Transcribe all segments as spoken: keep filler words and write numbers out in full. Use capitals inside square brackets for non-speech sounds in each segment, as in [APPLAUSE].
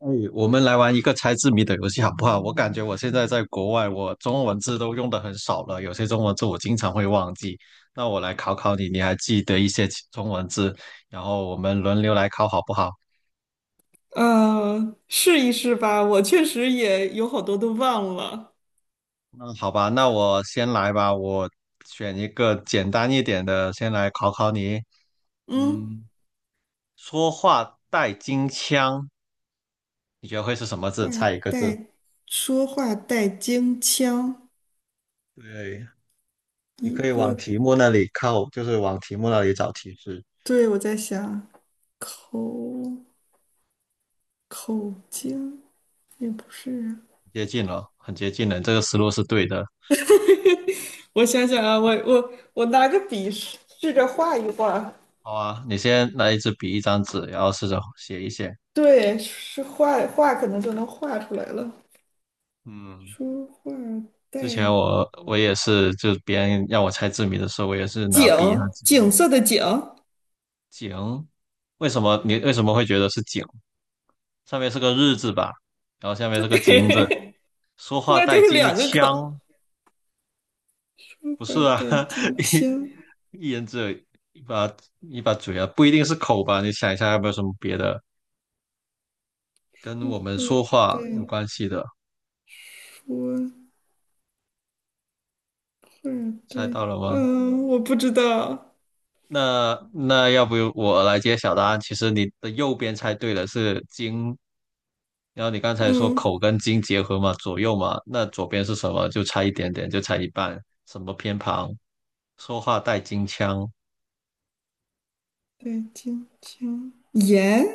哎，我们来玩一个猜字谜的游戏好不好？我感觉我现在在国外，我中文字都用的很少了，有些中文字我经常会忘记。那我来考考你，你还记得一些其中文字，然后我们轮流来考好不好？呃，试一试吧，我确实也有好多都忘了。嗯，好吧，那我先来吧，我选一个简单一点的，先来考考你。嗯，嗯，说话带金腔，你觉得会是什么话字？猜一个字。带说话带京腔，对，你一可以往个，题目那里靠，就是往题目那里找提示。对，我在想口口京也不是啊，接近了，很接近了，这个思路是对的。我想想啊，我我我拿个笔试试着画一画，好啊，你先拿一支笔，一张纸，然后试着写一写。对，是画画可能就能画出来了。嗯，说话带之前我我也是，就别人让我猜字谜的时候，我也是拿笔和景，纸。景色的景，井，为什么你为什么会觉得是井？上面是个日字吧，然后下面是个金字。说 [LAUGHS] 话那就带是金两个腔，口。不是二啊？代金 [LAUGHS] 枪，一一人只有一把一把嘴啊，不一定是口吧？你想一下，有没有什么别的跟我们说二话有代关系的？坡，二代，猜到了嗯，吗？呃我不知道，那那要不我来揭晓答案？其实你的右边猜对了，是金。然后你刚才说嗯，口二跟金结合嘛，左右嘛，那左边是什么？就差一点点，就差一半。什么偏旁？说话带金腔，代金枪，盐，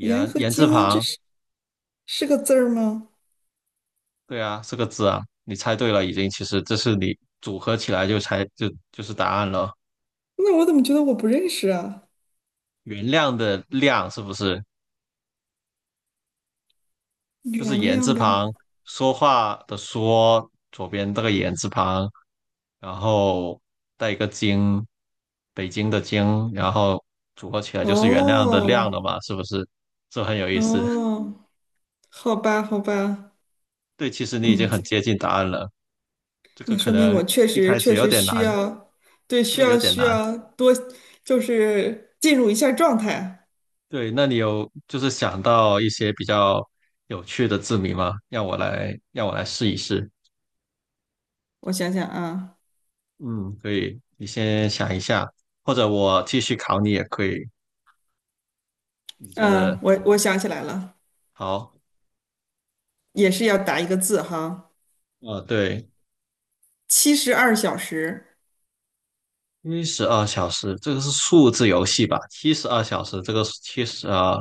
盐和言字金，这旁，是是个字儿吗？对啊，是个字啊。你猜对了，已经。其实这是你组合起来就猜就就是答案了。那我怎么觉得我不认识啊？原谅的谅是不是？就是原言字谅的，旁，说话的说，左边这个言字旁，然后带一个京，北京的京，然后组合起来就是原谅的谅哦，了嘛，是不是？这很有意思。[LAUGHS] 哦，好吧，好吧，对，其实你已经嗯，很接近答案了，这个那可说明能我确一实开始确有实点难，需要，对，这需个有要点需难。要多，就是进入一下状态。对，那你有就是想到一些比较有趣的字谜吗？让我来，让我来试一试。我想想啊。嗯，可以，你先想一下，或者我继续考你也可以，你觉得嗯，我我想起来了，好？也是要答一个字哈，啊，对，七十二小时七十二小时，这个是数字游戏吧？七十二小时，这个七十二，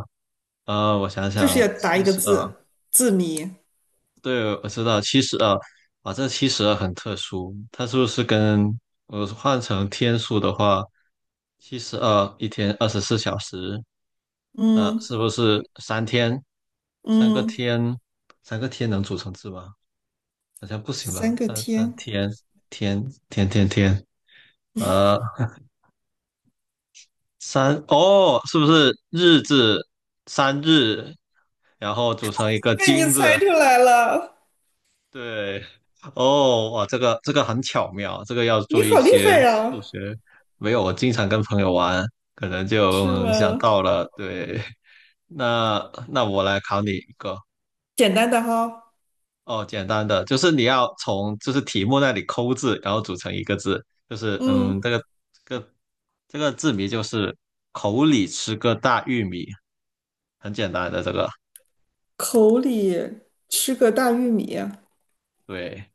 呃，我想就是想，要答七一个十二，字，字谜。对，我知道七十二，啊，这七十二很特殊，它是不是跟我换成天数的话，七十二一天二十四小时，呃，嗯是不是三天，三个嗯，天，三个天能组成字吗？好像不行三吧？个三三天，天天天天天，呃。三哦，是不是日字三日，然后组成一个被你金猜字？出来了，对，哦，哇，这个这个很巧妙，这个要做你一好厉些害数呀，学。没有，我经常跟朋友玩，可能就是嗯想吗？到了。对，那那我来考你一个。简单的哈，哦，简单的，就是你要从就是题目那里抠字，然后组成一个字，就是嗯，这嗯，个这个这个字谜就是口里吃个大玉米，很简单的这个。口里吃个大玉米，对，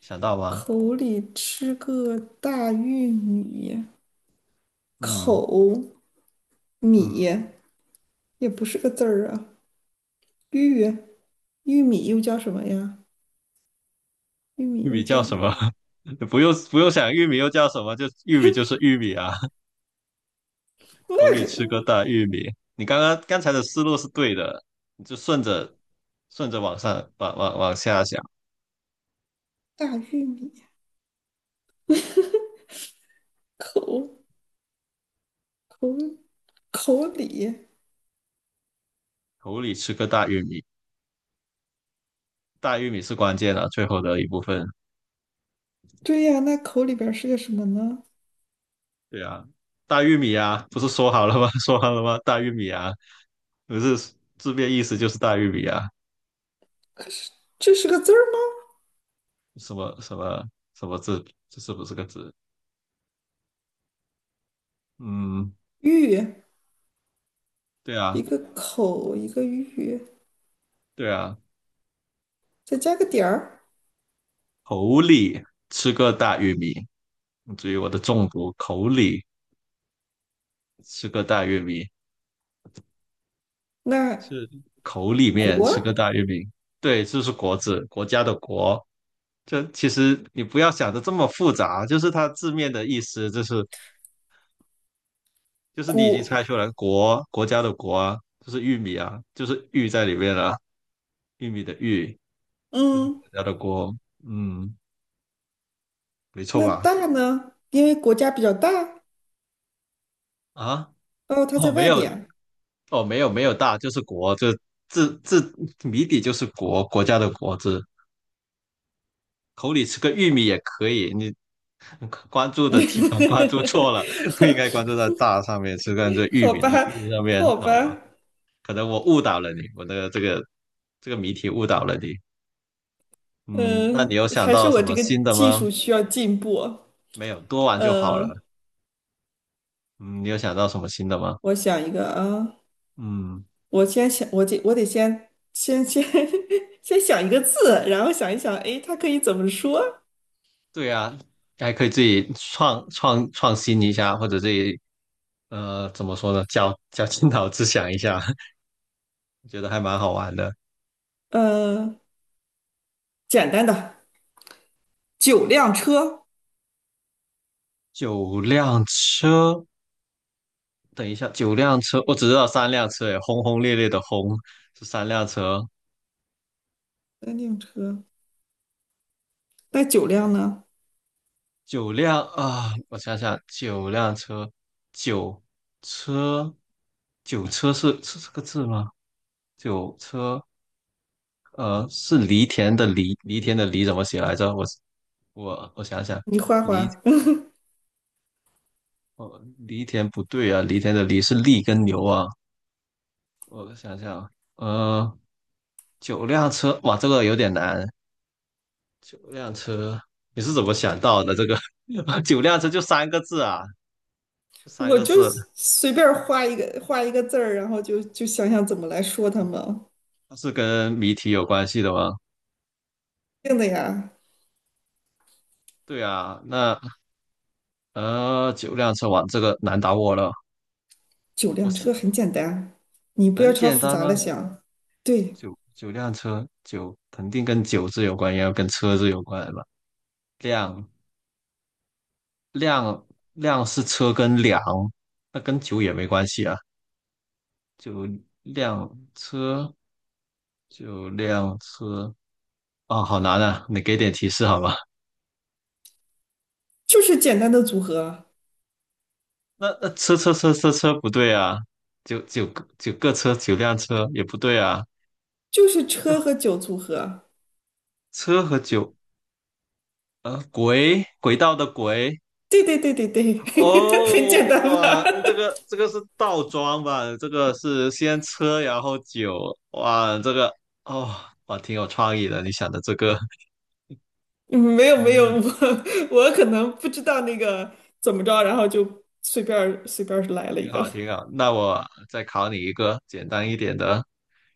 想到吗？口里吃个大玉米，嗯口米嗯，也不是个字儿啊，玉玉米又叫什么呀？玉米玉又米叫叫什么？[LAUGHS] 不用不用想，玉米又叫什么？就玉米就是玉米啊，[LAUGHS] 口里吃个大玉米。你刚刚刚才的思路是对的，你就顺着顺着往上往往往下想，大玉米，口口口里，口里吃个大玉米，大玉米是关键啊，最后的一部分。对呀，啊那口里边是个什么呢？对啊，大玉米啊，不是说好了吗？[LAUGHS] 说好了吗？大玉米啊，不是字面意思就是大玉米啊，这是个字儿吗？什么什么什么字，这是不是个字？嗯，玉，对一啊。个口，一个玉，对啊，再加个点儿，口里吃个大玉米，至于我的中毒，口里吃个大玉米那是口里面吃个国大玉米，对，这是国字，国家的国。这其实你不要想的这么复杂，就是它字面的意思，就是就是你已经国，猜出来，国国家的国啊，就是玉米啊，就是玉在里面了、玉米的玉，嗯，国家的国，嗯，没错那吧？大呢？因为国家比较大，啊，哦，它在哦，没外有，边，哦，没有没有大，就是国，这字字谜底就是国国家的国字，口里吃个玉米也可以。你关注的地方关注 [LAUGHS] 错了，不应该关注在大上面，是关这玉好米吧，那个玉上面，好好吧？吧，可能我误导了你，我的这个这个谜题误导了你。嗯，那嗯，你有想还是到什我这么个新的技吗？术需要进步，没有，多玩就好了。呃，嗯，你有想到什么新的吗？我想一个啊。嗯。我先想，我得我得先先先 [LAUGHS] 先想一个字，然后想一想，哎，它可以怎么说？对啊，还可以自己创创创新一下，或者自己呃怎么说呢，绞绞尽脑汁想一下，[LAUGHS] 觉得还蛮好玩的。呃，简单的，九辆车，九辆车，等一下，九辆车，我只知道三辆车，哎，轰轰烈烈的轰是三辆车，三辆车，那九辆呢？九辆啊，我想想，九辆车，九车，九车是是这个字吗？九车，呃，是犁田的犁，犁田的犁怎么写来着？我我我想想。你画犁。画，哦，犁田不对啊，犁田的犁是犁跟牛啊。我想想，呃，九辆车，哇，这个有点难。九辆车，你是怎么想到的？这个 [LAUGHS] 九辆车就三个字啊，[LAUGHS] 三我个就字，随便儿画一个画一个字儿，然后就就想想怎么来说它们。它是跟谜题有关系的吗？定的呀，对啊，那呃，九辆车，哇，这个难倒我了。九我我辆想车很简单，你不要很朝简复单杂了吗？想。对，九九辆车，九肯定跟九字有关，也要跟车字有关吧？辆量量是车跟粮，那跟酒也没关系啊。就辆车，就辆车啊，好难啊！你给点提示好吗？就是简单的组合，[LAUGHS] 那那车车车车车不对啊，九九个九个车九辆车也不对啊，就是车和酒组合。车和九呃轨轨道的轨。对对对对对，[LAUGHS] 很简哦，单哇，吧？这 [LAUGHS] 个这个是倒装吧？这个是先车然后酒。哇，这个哦哇挺有创意的，你想的这个 [LAUGHS] 嗯没有没有，嗯。我 [LAUGHS] 我可能不知道那个怎么着，然后就随便儿随便儿来了一挺个 好，挺好。那我再考你一个简单一点的，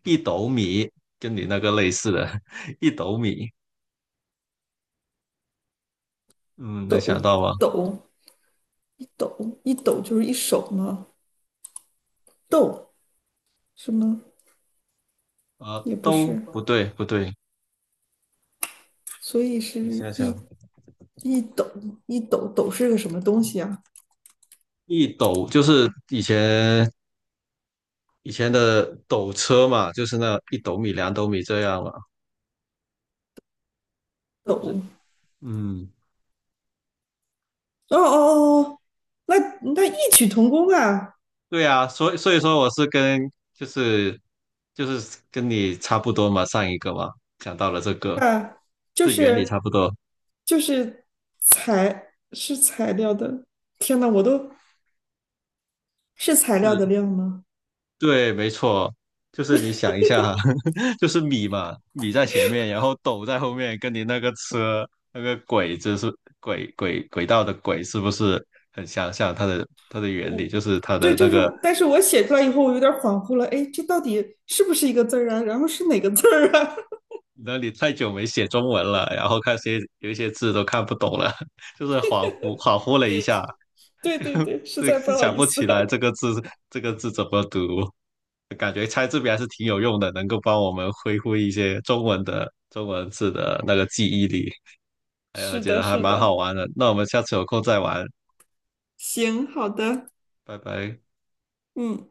一斗米，跟你那个类似的，[LAUGHS] 一斗米，嗯，[LAUGHS] 能抖想到吗？抖一抖一抖就是一手吗？抖是吗？啊，也不都是，不对，不对，所以是你想一想，一抖一抖抖是个什么东西啊？一斗就是以前以前的斗车嘛，就是那一斗米、两斗米这样嘛，就抖是嗯，哦哦哦，哦那那异曲同工啊对啊，所以所以说我是跟就是就是跟你差不多嘛，上一个嘛，讲到了这个，啊，就这原理差是不多。就是材是材料的，天呐，我都是材料的是量吗？对，没错，就是你想一下，[LAUGHS] 就是米嘛，米在前面，然后斗在后面，跟你那个车那个轨，就是轨轨轨道的轨，是不是很相像？它的它的原理我就是它对，的那就是，个，但是我写出来以后，我有点恍惚了，哎，这到底是不是一个字儿啊？然后是哪个字儿啊？那你太久没写中文了，然后看些有一些字都看不懂了，[LAUGHS] 就是恍惚恍惚了一下，[LAUGHS] 对对对，实对，在不 [LAUGHS] 好想意不思。起来这 [LAUGHS] 个字这个字怎么读。感觉猜字谜还是挺有用的，能够帮我们恢复一些中文的中文字的那个记忆力。哎呀，是觉的，得还是蛮好的，玩的。那我们下次有空再玩，行，好的，拜拜。嗯。